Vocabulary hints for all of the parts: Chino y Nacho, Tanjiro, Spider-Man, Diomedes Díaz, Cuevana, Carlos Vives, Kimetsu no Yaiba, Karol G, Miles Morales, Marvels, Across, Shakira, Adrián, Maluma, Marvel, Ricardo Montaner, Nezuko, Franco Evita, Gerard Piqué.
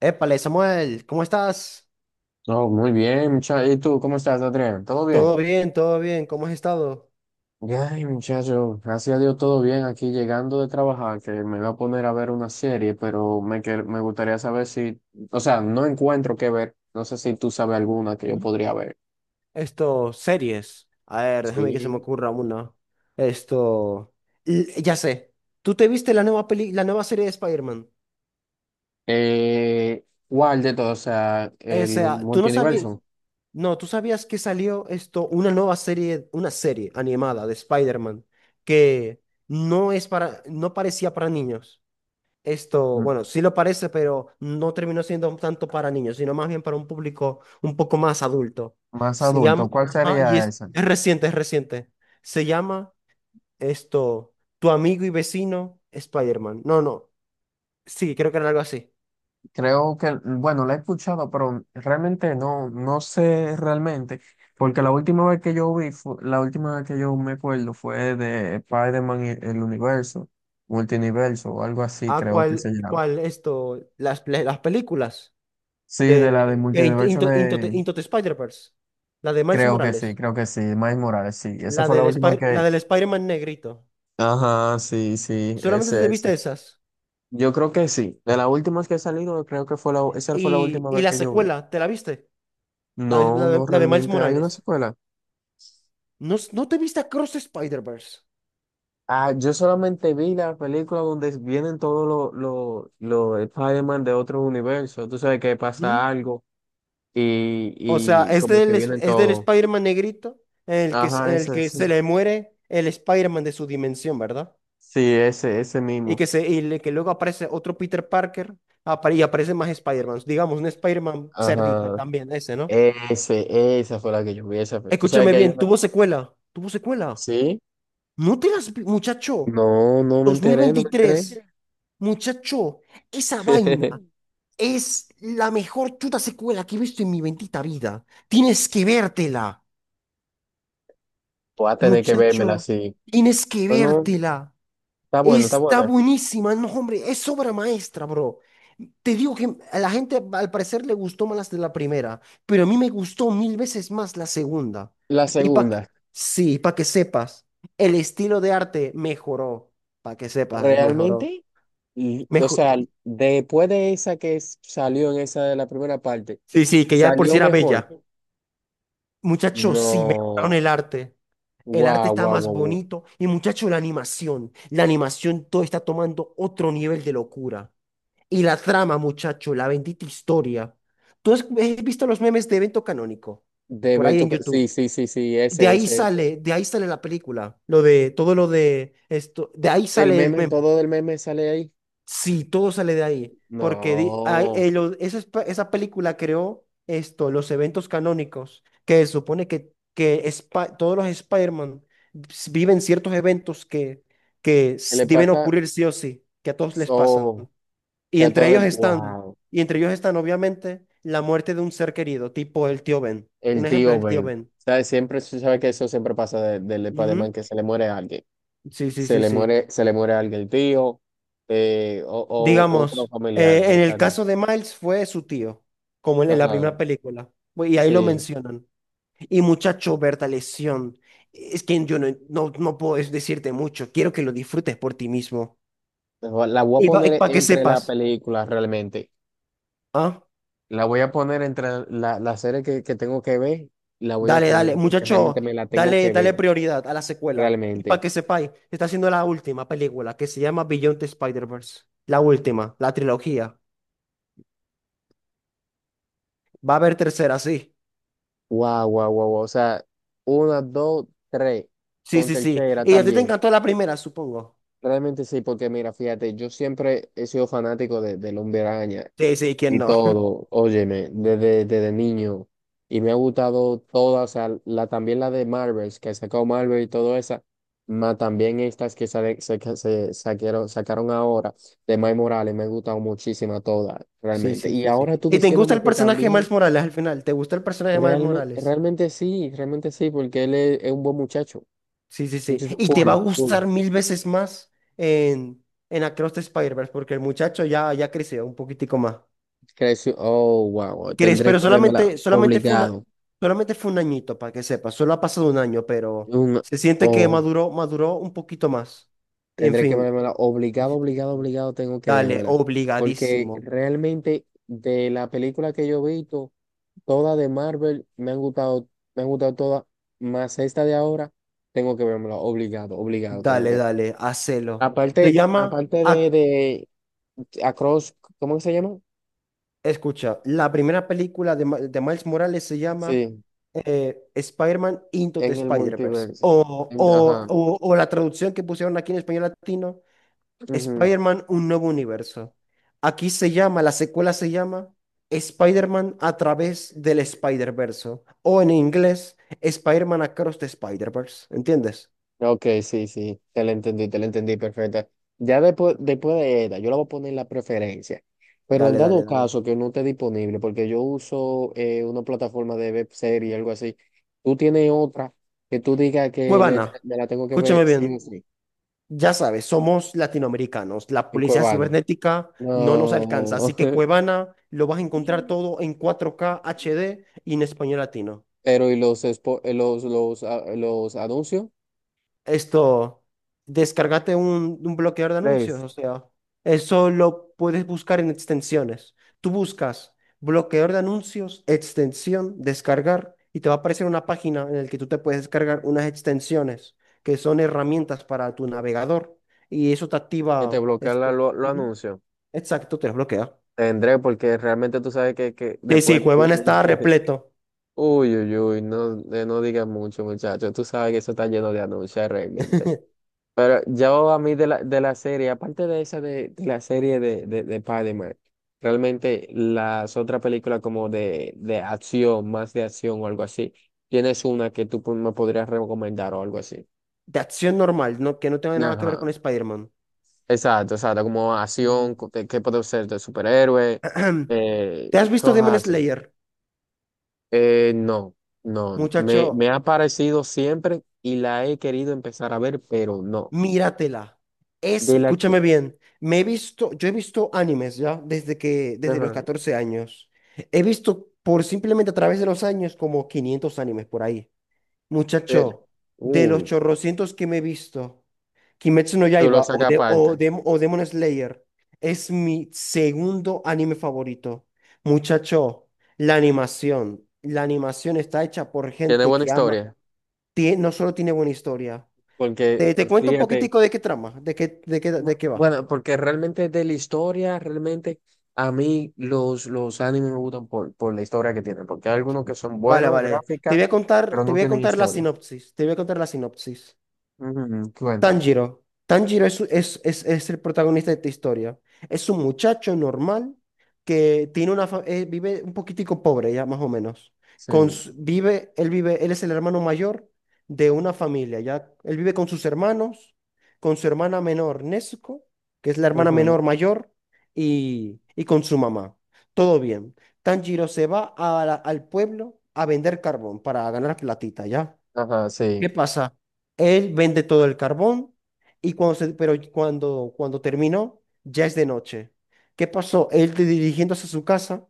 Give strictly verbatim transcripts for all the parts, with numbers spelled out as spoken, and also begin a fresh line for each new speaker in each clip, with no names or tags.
Épale, Samuel, ¿cómo estás?
No, muy bien, muchacho. ¿Y tú cómo estás, Adrián? ¿Todo bien?
Todo bien, todo bien, ¿cómo has estado?
Ay, muchacho, gracias a Dios todo bien aquí llegando de trabajar, que me voy a poner a ver una serie, pero me, que- me gustaría saber si, o sea, no encuentro qué ver. No sé si tú sabes alguna que yo
¿Mm?
podría ver.
Esto, series. A ver, déjame que se me
Sí.
ocurra una. Esto, l- ya sé. ¿Tú te viste la nueva peli, la nueva serie de Spider-Man?
Eh, ¿cuál de todos? O sea,
O
el
sea, tú no sabías,
multiverso.
no, tú sabías que salió esto, una nueva serie, una serie animada de Spider-Man que no es para, no parecía para niños. Esto, bueno, sí lo parece, pero no terminó siendo tanto para niños, sino más bien para un público un poco más adulto.
Más
Se llama,
adulto, ¿cuál
ajá, y
sería
es,
esa?
es reciente, es reciente. Se llama esto, Tu amigo y vecino Spider-Man. No, no, sí, creo que era algo así.
Creo que, bueno, la he escuchado, pero realmente no, no sé realmente, porque la última vez que yo vi, fu- la última vez que yo me acuerdo fue de Spider-Man y el universo, multiverso o algo así,
Ah,
creo que
¿cuál,
se llama.
cuál esto? Las, pe- las películas
Sí, de la
de
del
de Into,
multiverso
Into- Into the
de,
Into the Spider-Verse. La de Miles
creo que sí,
Morales.
creo que sí, Miles Morales, sí, esa
La
fue la
del,
última
Spy- la
que...
del Spider-Man negrito.
Ajá, sí, sí,
¿Solamente
ese,
te
ese.
viste esas?
Yo creo que sí, de las últimas que he salido, creo que fue la, esa fue la
Y,
última
y
vez
la
que yo vi.
secuela, ¿te la viste? La de,
No,
la de,
no
la de Miles
realmente, hay una
Morales.
secuela.
¿No, no te viste Cross Spider-Verse?
Ah, yo solamente vi la película donde vienen todos los los los Spider-Man de otros universos. Tú sabes que
Ujú.
pasa algo y,
O sea,
y
es
como que
del, es
vienen
es del
todos.
Spider-Man negrito en el que, s-
Ajá,
en el
ese,
que se
sí.
le muere el Spider-Man de su dimensión, ¿verdad?
Sí, ese, ese
Y
mismo.
que, se, y le- que luego aparece otro Peter Parker apare- y aparece más Spider-Man. Digamos, un Spider-Man cerdito
Ajá.
también, ese, ¿no?
Ese, esa fue la que yo vi, esa fue. Tú sabes
Escúchame
que hay
bien,
una.
tuvo secuela, tuvo secuela.
Sí.
No te las... vi- Muchacho,
No, no me enteré, no me enteré.
dos mil veintitrés, muchacho, esa vaina. Es la mejor chuta secuela que he visto en mi bendita vida. Tienes que vértela,
Voy a tener que vérmela
muchacho.
así.
Tienes que
Bueno,
vértela.
está bueno, está
Está
buena.
buenísima. No, hombre, es obra maestra, bro. Te digo que a la gente al parecer le gustó más las de la primera, pero a mí me gustó mil veces más la segunda.
La
Y para que,
segunda,
sí, para que sepas, el estilo de arte mejoró. Para que sepas, eh, mejoró.
realmente. Y, o
Mejo-
sea, después de esa que s- salió en esa de la primera parte,
sí, sí, que ya de por si
¿salió
era
mejor?
bella. Muchachos, sí, mejoraron
No.
el arte. El arte
Guau,
está
guau,
más
guau, guau.
bonito y muchacho, la animación, la animación todo está tomando otro nivel de locura. Y la trama, muchacho, la bendita historia. ¿Tú has has visto los memes de evento canónico? Por
Debe
ahí en
tocar.
YouTube.
Sí, sí, sí, sí,
De
ese,
ahí
ese, ese.
sale, de ahí sale la película, lo de todo lo de esto, de ahí
Del
sale el
meme,
meme.
todo del meme sale ahí.
Sí, todo sale de ahí, porque di- hay- eh,
No.
lo- esa, es- esa película creó esto, los eventos canónicos, que se supone que, que Spi- todos los Spider-Man s- viven ciertos eventos que, que
¿Qué le
s- deben
pasa?
ocurrir sí o sí, que a todos les pasan.
So,
Y
que a
entre
todos
ellos
les.
están,
Wow.
y entre ellos están obviamente la muerte de un ser querido, tipo el tío Ben.
El
Un ejemplo es
tío
el tío
Ben.
Ben.
¿Sabes? Siempre, sabes que eso siempre pasa de- del Spider-Man,
Ujú.
que se le muere a alguien.
Sí, sí,
Se
sí,
le
sí.
muere, se le muere a alguien el tío, eh, o, o otro
Digamos, eh,
familiar.
en
Está
el
bien.
caso de Miles fue su tío, como en, en la
Ajá.
primera película, y ahí lo
Sí,
mencionan. Y muchacho, Bertalesión, es que yo no, no, no puedo es- decirte mucho, quiero que lo disfrutes por ti mismo.
la voy a
Y
poner
para que
entre la
sepas,
película realmente.
¿ah?
La voy a poner entre la, la serie que, que tengo que ver, la voy a
Dale,
poner
dale,
porque realmente
muchacho,
me la tengo
dale,
que
dale
ver,
prioridad a la secuela. Y para
realmente.
que sepáis, se está haciendo la última película que se llama Beyond the Spider-Verse. La última, la trilogía. Va a haber tercera, sí.
Guau, guau, guau, guau. O sea, una, dos, tres,
Sí,
con
sí, sí.
tercera
Y a ti te
también.
encantó la primera, supongo.
Realmente sí, porque mira, fíjate, yo siempre he sido fanático de, del Hombre Araña.
Sí, sí, ¿quién
Y
no?
todo, óyeme, desde, desde niño. Y me ha gustado todas, o sea, la, también la de Marvels, que sacó Marvel y todo esa, más también estas que sale- se, que se saquieron- sacaron ahora de Miles Morales, me ha gustado muchísimo todas,
Sí,
realmente.
sí,
Y
sí, sí.
ahora tú
¿Y te gusta
diciéndome
el
que
personaje de Miles
también,
Morales al final? ¿Te gusta el personaje de Miles
realmente,
Morales?
realmente sí, realmente sí, porque él es, es un buen muchacho.
Sí, sí, sí.
Muchacho
Y te va a
cool, cool.
gustar mil veces más en, en Across the Spider-Verse, porque el muchacho ya, ya creció un poquitico más.
Creció, oh, wow,
¿Crees?
tendré
Pero
que verla
solamente, solamente fue una,
obligado.
solamente fue un añito, para que sepas. Solo ha pasado un año, pero
Un,
se siente que
oh,
maduró, maduró un poquito más. En
tendré que
fin.
vérmela.
Sí,
Obligado,
sí, sí,
obligado,
sí.
obligado tengo que
Dale,
vérmela. Porque
obligadísimo.
realmente de la película que yo he visto, todas de Marvel me han gustado, me han gustado todas, más esta de ahora, tengo que vérmela. Obligado, obligado tengo que
Dale,
ver.
dale, hacelo. Se
Aparte,
llama.
aparte de, de Across, ¿cómo que se llama?
Escucha, la primera película de, Ma- de Miles Morales se llama,
Sí,
eh, Spider-Man Into the
en el
Spider-Verse.
multiverso.
O,
En-
o,
ajá.
o- o la traducción que pusieron aquí en español latino,
Ujú.
Spider-Man Un Nuevo Universo. Aquí se llama, la secuela se llama Spider-Man a través del Spider-Verse. O en inglés, Spider-Man Across the Spider-Verse. ¿Entiendes?
Ok, sí, sí, te la entendí, te la entendí, perfecta. Ya después, después de ella, yo la voy a poner en la preferencia. Pero en
Dale,
dado
dale, dale.
caso que no esté disponible, porque yo uso eh, una plataforma de web serie, algo así, tú tienes otra que tú digas que le-
Cuevana,
me la tengo que
escúchame
ver sí o
bien.
sí,
Ya sabes, somos latinoamericanos. La
en
policía
Cuevana.
cibernética no nos alcanza. Así
No.
que Cuevana lo vas a encontrar todo en cuatro K H D y en español latino.
Pero y los, expo- eh, los, los, ah, los anuncios,
Esto, Descárgate un, un bloqueador de anuncios.
Place,
O sea, eso lo puedes buscar en extensiones. Tú buscas bloqueador de anuncios, extensión, descargar, y te va a aparecer una página en la que tú te puedes descargar unas extensiones que son herramientas para tu navegador. Y eso te
que te
activa
bloquean la-
esto.
lo- los anuncios.
Exacto, te los bloquea.
Tendré, porque realmente tú sabes que, que
Sí, sí,
después
Cuevana
viene.
estaba repleto.
Uy, uy, uy, no, eh, no digas mucho, muchacho. Tú sabes que eso está lleno de anuncios realmente. Pero yo a mí de la, de la serie, aparte de esa de, de la serie de, de, de Spider-Man, realmente las otras películas como de, de acción, más de acción o algo así, tienes una que tú po- me podrías recomendar o algo así.
De acción normal, ¿no? Que no tenga nada que ver
Ajá.
con Spider-Man.
Exacto, exacto, como acción,
Mm,
co- de- que puede ser de superhéroe, eh,
¿Te has visto Demon
cosas así.
Slayer?
Eh, no, no, me, me
Muchacho,
ha parecido siempre y la he querido empezar a ver, pero no.
míratela. Es,
De la que.
escúchame bien, me he visto, yo he visto animes ya desde que, desde los
Ajá.
catorce años. He visto por simplemente a través de los años como quinientos animes por ahí.
eh,
Muchacho, de los
uy,
chorrocientos que me he visto. Kimetsu no
tú lo
Yaiba o,
sacas
de, o,
aparte.
Dem- o Demon Slayer es mi segundo anime favorito. Muchacho, la animación. La animación está hecha por
Tiene
gente
buena
que ama.
historia,
tie- no solo tiene buena historia.
porque
Te, te cuento un
fíjate,
poquitico de qué trama, de qué, de qué, de qué va.
bueno, porque realmente de la historia, realmente a mí los, los animes me gustan por, por la historia que tienen, porque hay algunos que son
Vale,
buenos,
vale. Te
gráficas,
voy a contar,
pero
te
no
voy a
tienen
contar la
historia.
sinopsis. Te voy a contar la sinopsis.
Ujú, cuenta.
Tanjiro. Tanjiro es, es, es, es el protagonista de esta historia. Es un muchacho normal que tiene una fa- eh, vive un poquitico pobre ya, más o menos. Con,
Sí.
su- vive, él vive, él es el hermano mayor de una familia, ya. Él vive con sus hermanos, con su hermana menor, Nezuko, que es la hermana
Ujú,
menor mayor, y, y con su mamá. Todo bien. Tanjiro se va a la- al pueblo a vender carbón para ganar platita, ya.
ajá,
¿Qué
sí.
pasa? Él vende todo el carbón y cuando se- pero cuando, cuando terminó, ya es de noche. ¿Qué pasó? Él de- dirigiéndose a su casa,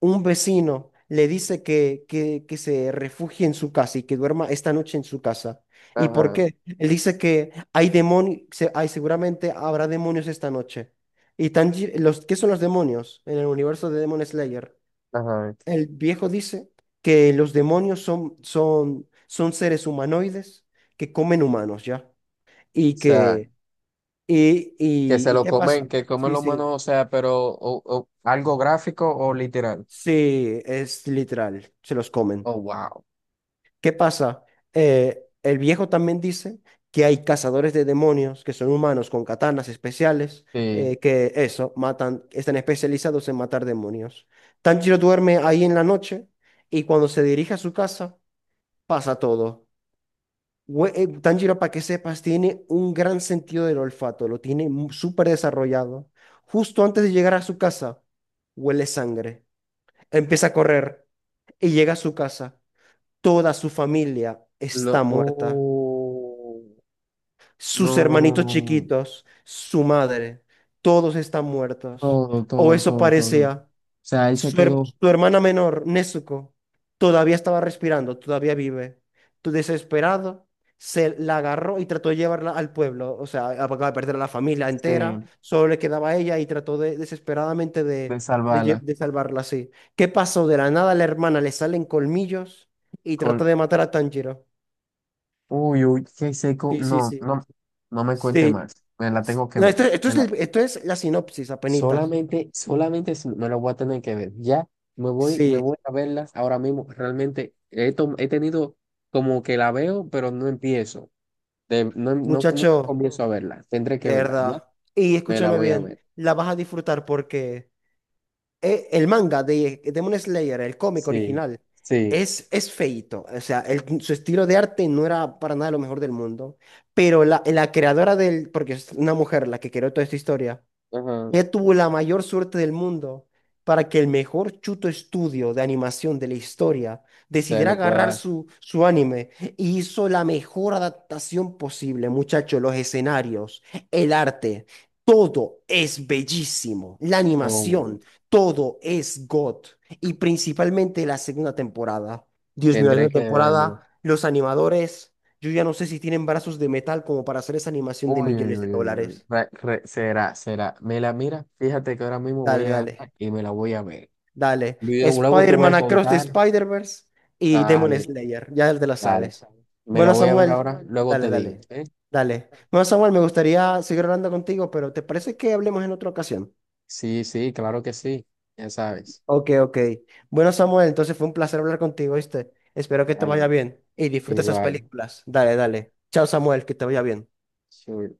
un vecino le dice que, que, que se refugie en su casa y que duerma esta noche en su casa. ¿Y por
Ajá,
qué? Él dice que hay demonios, hay, seguramente habrá demonios esta noche. Y tan, los, ¿qué son los demonios en el universo de Demon Slayer?
ajá. O
El viejo dice que los demonios son, son, son seres humanoides que comen humanos, ¿ya? Y
sea.
que, y,
Que se
y, ¿Y
lo
qué pasa?
comen, que comen
Sí,
los humanos,
sí,
o sea, pero o- o algo gráfico o literal.
sí, es literal, se los comen.
Oh, wow.
¿Qué pasa? Eh, el viejo también dice que hay cazadores de demonios que son humanos con katanas especiales,
Sí.
eh, que eso, matan, están especializados en matar demonios. Tanjiro duerme ahí en la noche y cuando se dirige a su casa pasa todo. Güe- eh, Tanjiro, para que sepas, tiene un gran sentido del olfato, lo tiene mu- súper desarrollado. Justo antes de llegar a su casa, huele sangre, empieza a correr y llega a su casa. Toda su familia está
Lo,
muerta,
oh,
sus hermanitos
no.
chiquitos, su madre, todos están muertos.
Todo,
O
todo,
eso
todo, todo, todo. O
parecía.
sea, él se
Su, her-
quedó
su hermana menor, Nezuko, todavía estaba respirando, todavía vive. Tu desesperado se la agarró y trató de llevarla al pueblo. O sea, acaba de perder a la familia entera,
sí,
solo le quedaba a ella y trató de, desesperadamente
de
de, de, lle-
salvarla.
de salvarla así. ¿Qué pasó? De la nada a la hermana le salen colmillos y trata
Col-
de matar a Tanjiro.
uy, uy, qué seco.
Sí, sí,
No,
sí.
no, no me cuente
Sí.
más. Me la
S-
tengo que
No,
ver.
esto, esto
Me
es,
la-
el- esto es la sinopsis, apenitas.
solamente, solamente si me lo voy a tener que ver. Ya me voy, me
Sí,
voy a verlas ahora mismo. Realmente he, tom- he tenido como que la veo, pero no empiezo. De- no, em, no- nunca
muchacho.
comienzo a verla. Tendré que
De
verla. Ya
verdad. Y
me la
escúchame
voy a
bien,
ver.
la vas a disfrutar porque eh, el manga de Demon Slayer, el cómic
Sí,
original,
sí.
es, es feíto. O sea, el- su estilo de arte no era para nada lo mejor del mundo. Pero la, la creadora del, porque es una mujer la que creó toda esta historia,
Ajá,
ella tuvo la mayor suerte del mundo para que el mejor chuto estudio de animación de la historia
se
decidiera
lo
agarrar
pueda.
su, su anime y hizo la mejor adaptación posible, muchachos. Los escenarios, el arte, todo es bellísimo. La
Hombre,
animación, todo es God. Y principalmente la segunda temporada. Dios mío, la
tendré
segunda
que
temporada,
vérmelo.
los animadores, yo ya no sé si tienen brazos de metal como para hacer esa animación de
Uy, uy,
millones de
uy, uy, uy, uy.
dólares.
Re- re- será, será. Me la mira. Fíjate que ahora mismo voy
Dale,
a agarrar
dale.
y me la voy a ver.
Dale.
Luego luego te voy
Spider-Man
a
Across the
contar.
Spider-Verse y Demon
Dale.
Slayer. Ya te la
Dale,
sabes.
me la
Bueno,
voy a ver
Samuel,
ahora, luego
dale,
te digo,
dale.
¿eh?
Dale. Bueno, Samuel, me gustaría seguir hablando contigo, pero ¿te parece que hablemos en otra ocasión?
Sí, sí, claro que sí, ya sabes.
Ok, ok. Bueno, Samuel, entonces fue un placer hablar contigo, ¿viste? Espero que te vaya
Dale,
bien y disfruta esas
igual.
películas. Dale, dale. Chao, Samuel, que te vaya bien.
Sure.